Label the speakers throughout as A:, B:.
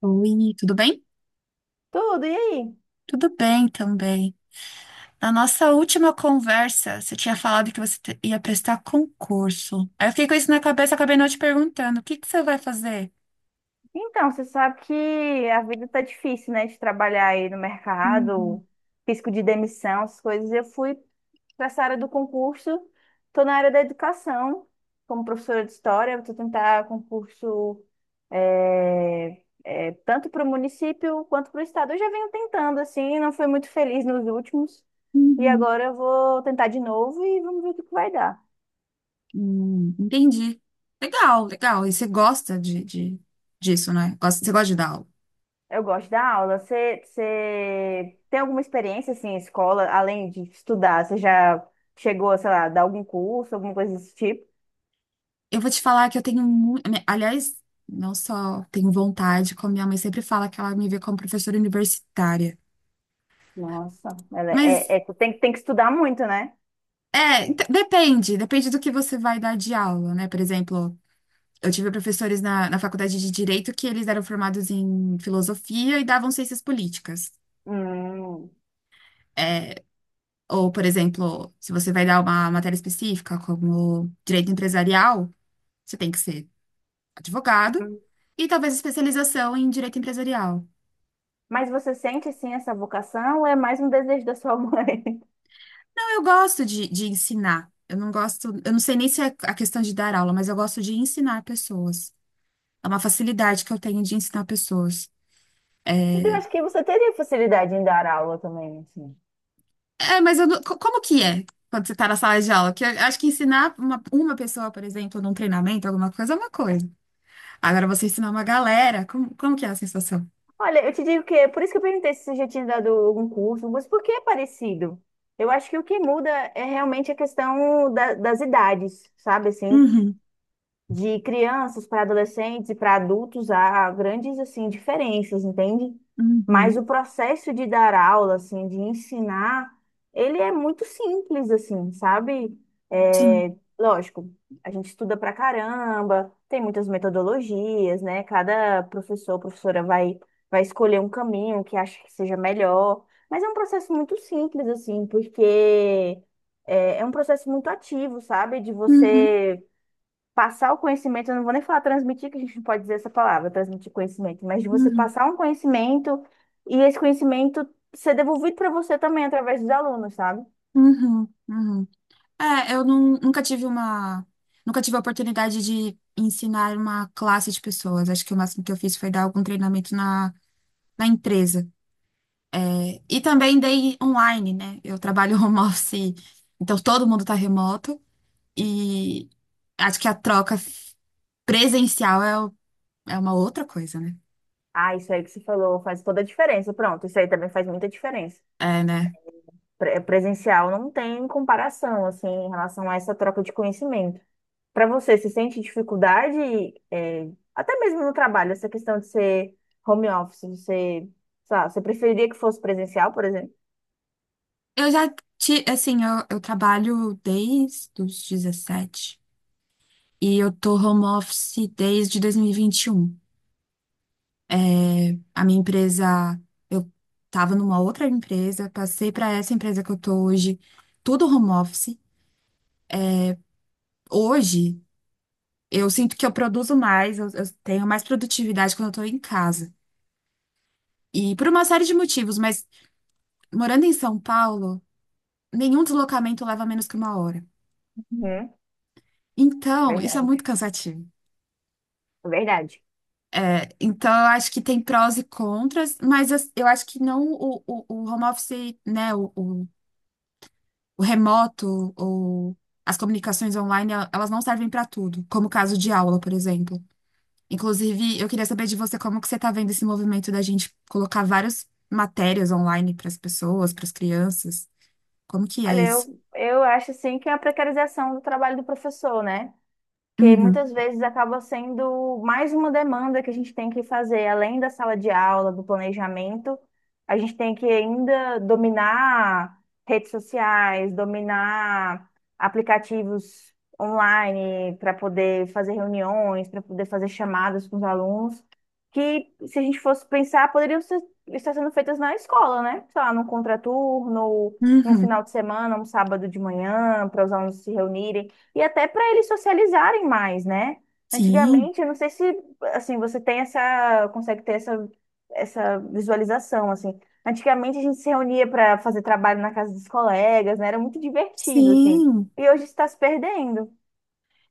A: Oi, tudo bem?
B: Tudo, e aí?
A: Tudo bem também. Na nossa última conversa, você tinha falado que você ia prestar concurso. Aí eu fiquei com isso na cabeça, acabei não te perguntando, o que que você vai fazer?
B: Então, você sabe que a vida tá difícil, né? De trabalhar aí no mercado,
A: Uhum,
B: risco de demissão, essas coisas. Eu fui para essa área do concurso, tô na área da educação, como professora de história, eu vou tentar concurso tanto para o município quanto para o estado. Eu já venho tentando, assim, não fui muito feliz nos últimos, e
A: uhum.
B: agora eu vou tentar de novo e vamos ver o que que vai dar.
A: Entendi. Legal, legal. E você gosta disso, né? Você gosta de dar aula.
B: Eu gosto da aula. Você tem alguma experiência assim, em escola, além de estudar? Você já chegou, sei lá, a dar algum curso, alguma coisa desse tipo?
A: Eu vou te falar que eu tenho muito. Aliás, não só tenho vontade, como minha mãe sempre fala que ela me vê como professora universitária.
B: Nossa, ela é,
A: Mas
B: é- é, tem, tem que estudar muito, né?
A: Depende do que você vai dar de aula, né? Por exemplo, eu tive professores na faculdade de Direito que eles eram formados em filosofia e davam ciências políticas.
B: Hum.
A: É, Ou, por exemplo, se você vai dar uma matéria específica, como direito empresarial, você tem que ser advogado e talvez especialização em direito empresarial.
B: Mas você sente assim essa vocação ou é mais um desejo da sua mãe?
A: Não, eu gosto de ensinar. Eu não gosto, eu não sei nem se é a questão de dar aula, mas eu gosto de ensinar pessoas. É uma facilidade que eu tenho de ensinar pessoas.
B: Então, acho que você teria facilidade em dar aula também, assim.
A: É, mas eu não- co- como que é quando você tá na sala de aula? Que eu acho que ensinar uma pessoa, por exemplo, num treinamento, alguma coisa, é uma coisa. Agora você ensinar uma galera, como que é a sensação?
B: Olha, eu te digo que é por isso que eu perguntei se você já tinha dado algum curso, mas por que é parecido? Eu acho que o que muda é realmente a questão das idades, sabe assim?
A: Uhum,
B: De crianças para adolescentes e para adultos há grandes assim diferenças, entende? Mas
A: uhum,
B: o processo de dar aula, assim, de ensinar, ele é muito simples, assim, sabe?
A: sim.
B: É, lógico, a gente estuda pra caramba, tem muitas metodologias, né? Cada professor, professora vai vai escolher um caminho que acha que seja melhor, mas é um processo muito simples, assim, porque é um processo muito ativo, sabe? De
A: Uhum,
B: você passar o conhecimento, eu não vou nem falar transmitir, que a gente não pode dizer essa palavra, transmitir conhecimento, mas de você
A: uhum,
B: passar um conhecimento e esse conhecimento ser devolvido para você também através dos alunos, sabe?
A: uhum, uhum. É, eu nunca tive a oportunidade de ensinar uma classe de pessoas. Acho que o máximo que eu fiz foi dar algum treinamento na empresa. É, e também dei online, né? Eu trabalho home office, então todo mundo tá remoto. E acho que a troca presencial é uma outra coisa, né?
B: Ah, isso aí que você falou faz toda a diferença. Pronto, isso aí também faz muita diferença.
A: É, né?
B: Presencial não tem comparação, assim, em relação a essa troca de conhecimento. Para você, você sente dificuldade, até mesmo no trabalho, essa questão de ser home office, você, sei lá, você preferiria que fosse presencial, por exemplo?
A: Eu já, assim, eu trabalho desde os 17 e eu tô home office desde dois mil e vinte e um. A minha empresa, eu tava numa outra empresa, passei pra essa empresa que eu tô hoje, tudo home office. Hoje, eu sinto que eu produzo mais, eu tenho mais produtividade quando eu tô em casa. E por uma série de motivos, mas morando em São Paulo. Nenhum deslocamento leva menos que uma hora.
B: Uhum,
A: Então, isso é
B: verdade.
A: muito cansativo.
B: Verdade.
A: É, então, eu acho que tem prós e contras, mas eu acho que não o home office, né, o remoto, as comunicações online, elas não servem para tudo, como o caso de aula, por exemplo. Inclusive, eu queria saber de você como que você está vendo esse movimento da gente colocar várias matérias online para as pessoas, para as crianças. Como que é
B: Olha,
A: isso?
B: eu acho assim que é a precarização do trabalho do professor, né? Que
A: Uhum,
B: muitas vezes acaba sendo mais uma demanda que a gente tem que fazer, além da sala de aula, do planejamento, a gente tem que ainda dominar redes sociais, dominar aplicativos online para poder fazer reuniões, para poder fazer chamadas com os alunos, que se a gente fosse pensar, poderiam ser, estar sendo feitas na escola, né? Sei lá, num contraturno, num
A: uhum.
B: final de semana, um sábado de manhã, para os alunos se reunirem e até para eles socializarem mais, né?
A: Sim,
B: Antigamente, eu não sei se assim você tem essa, consegue ter essa, essa visualização assim. Antigamente a gente se reunia para fazer trabalho na casa dos colegas, né? Era muito divertido assim.
A: sim.
B: E hoje está se perdendo.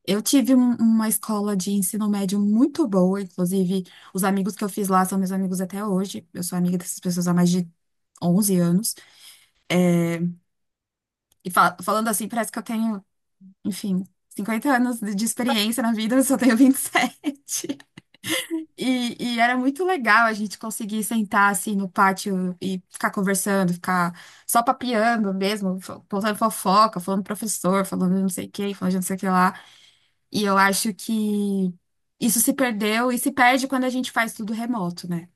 A: Eu tive uma escola de ensino médio muito boa, inclusive os amigos que eu fiz lá são meus amigos até hoje. Eu sou amiga dessas pessoas há mais de 11 anos. E falando assim, parece que eu tenho, enfim, 50 anos de experiência na vida, eu só tenho 27. E, sete. E era muito legal a gente conseguir sentar assim no pátio e ficar conversando, ficar só papeando mesmo, contando fofoca, falando do professor, falando de não sei quem, falando de não sei o que lá. E eu acho que isso se perdeu e se perde quando a gente faz tudo remoto, né?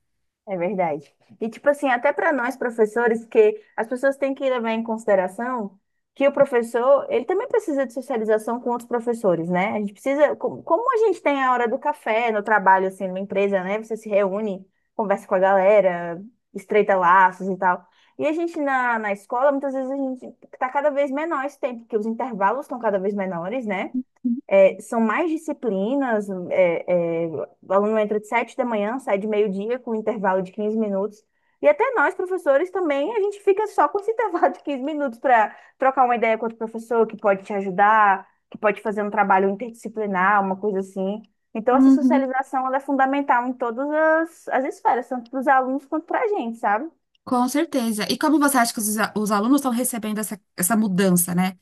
B: É verdade. E, tipo assim, até para nós professores, que as pessoas têm que levar em consideração que o professor, ele também precisa de socialização com outros professores, né? A gente precisa, como a gente tem a hora do café no trabalho, assim, numa empresa, né? Você se reúne, conversa com a galera, estreita laços e tal. E a gente na escola, muitas vezes a gente tá cada vez menor esse tempo, porque os intervalos estão cada vez menores, né? É, são mais disciplinas, o aluno entra de 7 da manhã, sai de meio-dia com um intervalo de 15 minutos. E até nós, professores, também, a gente fica só com esse intervalo de 15 minutos para trocar uma ideia com outro professor que pode te ajudar, que pode fazer um trabalho interdisciplinar, uma coisa assim. Então, essa
A: Uhum.
B: socialização ela é fundamental em todas as esferas, tanto para os alunos quanto para a gente, sabe?
A: Com certeza. E como você acha que os alunos estão recebendo essa mudança, né?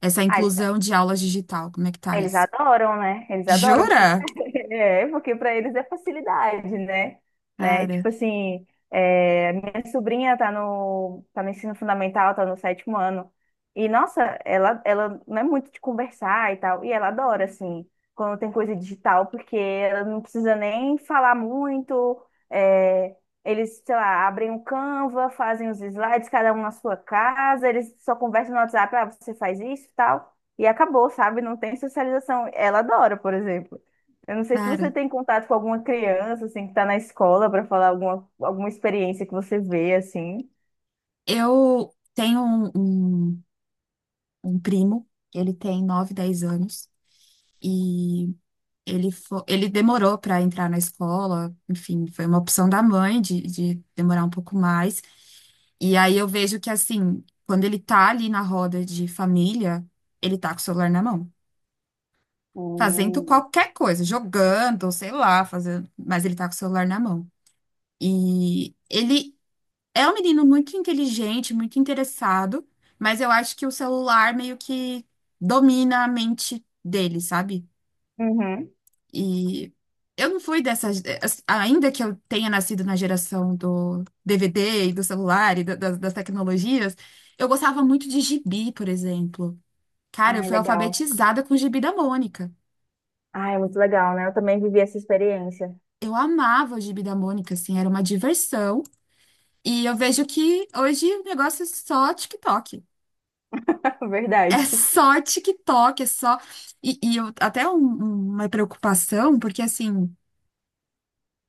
A: Essa
B: Ah,
A: inclusão de aulas digital? Como é que tá
B: eles
A: isso?
B: adoram, né? Eles adoram, porque,
A: Jura?
B: é, porque para eles é facilidade, né? Né? Tipo
A: Cara,
B: assim, é, minha sobrinha tá no ensino fundamental, tá no sétimo ano. E, nossa, ela não é muito de conversar e tal. E ela adora, assim, quando tem coisa digital, porque ela não precisa nem falar muito. É, eles, sei lá, abrem o Canva, fazem os slides, cada um na sua casa, eles só conversam no WhatsApp, ah, você faz isso e tal. E acabou, sabe? Não tem socialização. Ela adora, por exemplo. Eu não sei se você
A: cara.
B: tem contato com alguma criança, assim, que está na escola para falar alguma experiência que você vê, assim.
A: Eu tenho um, um primo, ele tem 9 10 anos, e ele demorou para entrar na escola, enfim, foi uma opção da mãe de demorar um pouco mais. E aí eu vejo que, assim, quando ele tá ali na roda de família, ele tá com o celular na mão, fazendo
B: Hum.
A: qualquer coisa, jogando, ou sei lá, fazendo, mas ele tá com o celular na mão. E ele é um menino muito inteligente, muito interessado, mas eu acho que o celular meio que domina a mente dele, sabe?
B: Uhum.
A: E eu não fui dessas. Ainda que eu tenha nascido na geração do DVD e do celular e das tecnologias, eu gostava muito de gibi, por exemplo. Cara, eu
B: Ai,
A: fui
B: legal.
A: alfabetizada com o gibi da Mônica.
B: Ai, é muito legal, né? Eu também vivi essa experiência.
A: Eu amava o gibi da Mônica, assim, era uma diversão. E eu vejo que hoje o negócio é só TikTok. É
B: Verdade.
A: só TikTok, é só. E eu, até uma preocupação, porque assim,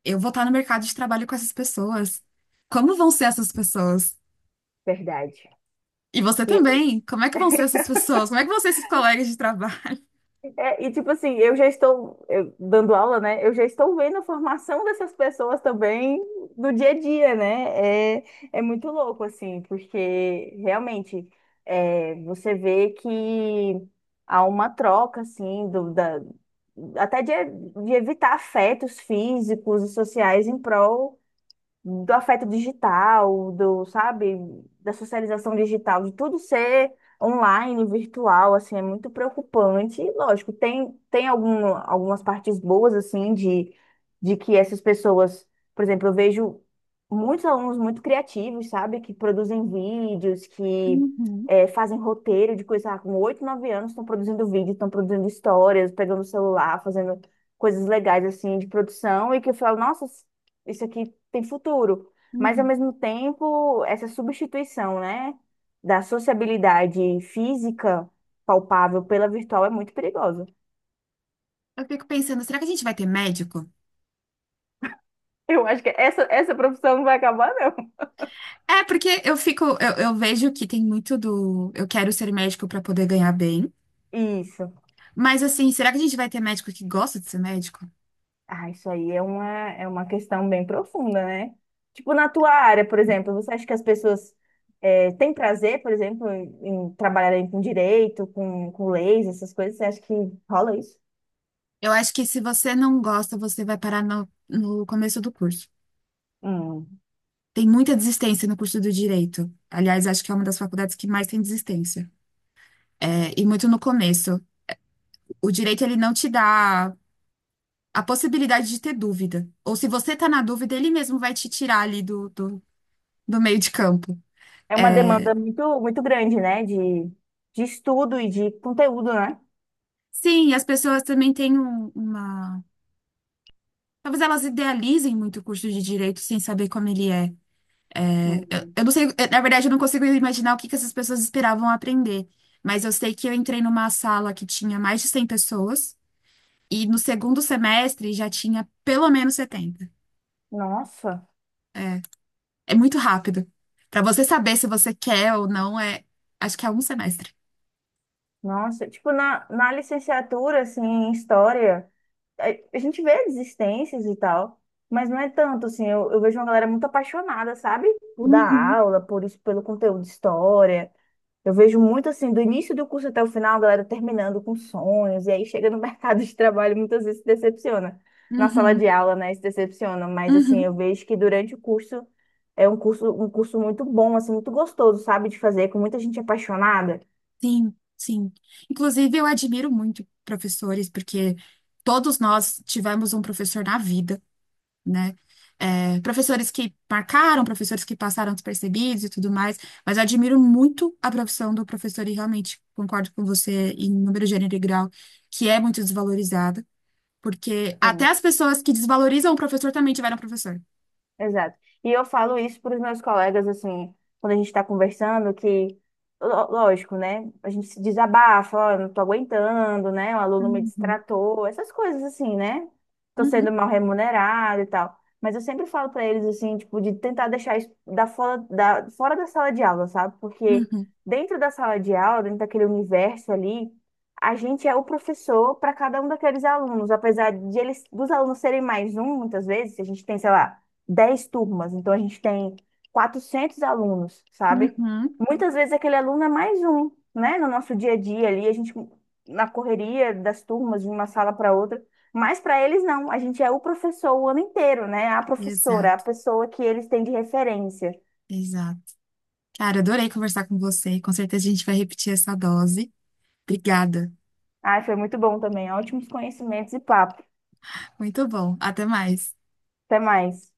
A: eu vou estar no mercado de trabalho com essas pessoas. Como vão ser essas pessoas?
B: Verdade.
A: E você
B: E aí?
A: também? Como é que vão ser essas pessoas? Como é que vão ser esses colegas de trabalho?
B: É, e tipo assim, eu já estou dando aula, né? Eu já estou vendo a formação dessas pessoas também no dia a dia, né? É, é muito louco, assim, porque realmente é, você vê que há uma troca, assim, até de evitar afetos físicos e sociais em prol do afeto digital, do, sabe, da socialização digital, de tudo ser online, virtual, assim, é muito preocupante. E, lógico, tem, tem algum, algumas partes boas, assim, de que essas pessoas, por exemplo, eu vejo muitos alunos muito criativos, sabe, que produzem vídeos, que
A: Uhum,
B: fazem roteiro de coisa, ah, com 8, 9 anos estão produzindo vídeo, estão produzindo histórias, pegando o celular, fazendo coisas legais, assim, de produção, e que eu falo, nossa, isso aqui tem futuro. Mas, ao
A: uhum.
B: mesmo tempo, essa substituição, né, da sociabilidade física palpável pela virtual é muito perigosa.
A: Eu fico pensando, será que a gente vai ter médico?
B: Eu acho que essa profissão não vai acabar, não.
A: É, porque eu fico, eu vejo que tem muito do eu quero ser médico para poder ganhar bem.
B: Isso.
A: Mas assim, será que a gente vai ter médico que gosta de ser médico?
B: Ah, isso aí é uma questão bem profunda, né? Tipo, na tua área, por exemplo, você acha que as pessoas têm prazer, por exemplo, em, em trabalharem com direito, com leis, essas coisas? Você acha que rola isso?
A: Eu acho que se você não gosta, você vai parar no começo do curso.
B: Hum.
A: Tem muita desistência no curso do direito. Aliás, acho que é uma das faculdades que mais tem desistência. É, e muito no começo. O direito, ele não te dá a possibilidade de ter dúvida. Ou se você tá na dúvida, ele mesmo vai te tirar ali do meio de campo.
B: É uma
A: É,
B: demanda muito, muito grande, né? De estudo e de conteúdo, né?
A: sim, e as pessoas também têm uma. Talvez elas idealizem muito o curso de direito sem saber como ele é. É, eu,
B: Uhum.
A: eu não sei, na verdade, eu não consigo imaginar o que que essas pessoas esperavam aprender. Mas eu sei que eu entrei numa sala que tinha mais de 100 pessoas e no segundo semestre já tinha pelo menos 70.
B: Nossa,
A: É, é muito rápido. Pra você saber se você quer ou não, acho que é um semestre.
B: nossa. Tipo, na, na licenciatura, assim, em história, a, a gente vê desistências e tal, mas não é tanto, assim. Eu vejo uma galera muito apaixonada, sabe? Por dar
A: Uhum,
B: aula, por isso, pelo conteúdo de história. Eu vejo muito assim, do início do curso até o final, a galera terminando com sonhos, e aí chega no mercado de trabalho, e muitas vezes se decepciona. Na sala
A: uhum,
B: de aula, né, se decepciona, mas assim, eu
A: uhum.
B: vejo que durante o curso é um curso muito bom, assim, muito gostoso, sabe, de fazer, com muita gente apaixonada.
A: Sim, sim. Inclusive, eu admiro muito professores, porque todos nós tivemos um professor na vida, né? É, professores que marcaram, professores que passaram despercebidos e tudo mais, mas eu admiro muito a profissão do professor e realmente concordo com você em número, gênero e grau, que é muito desvalorizada, porque até as pessoas que desvalorizam o professor também tiveram professor.
B: Exato. E eu falo isso para os meus colegas, assim, quando a gente está conversando, que, lógico, né? A gente se desabafa, ó, eu não tô aguentando, né? O aluno me
A: Uhum,
B: destratou, essas coisas assim, né? Tô sendo
A: uhum,
B: mal remunerado e tal. Mas eu sempre falo para eles, assim, tipo, de tentar deixar isso fora da sala de aula, sabe? Porque
A: uhum,
B: dentro da sala de aula, dentro daquele universo ali, a gente é o professor para cada um daqueles alunos, apesar de eles, dos alunos serem mais um, muitas vezes, a gente tem, sei lá, 10 turmas, então a gente tem 400 alunos, sabe?
A: uhum.
B: Muitas vezes aquele aluno é mais um, né? No nosso dia a dia ali, a gente na correria das turmas, de uma sala para outra, mas para eles não, a gente é o professor o ano inteiro, né? A professora, a
A: Exato,
B: pessoa que eles têm de referência.
A: exato. Cara, adorei conversar com você. Com certeza a gente vai repetir essa dose. Obrigada.
B: Ai, foi muito bom também, ótimos conhecimentos e papo.
A: Muito bom. Até mais.
B: Até mais.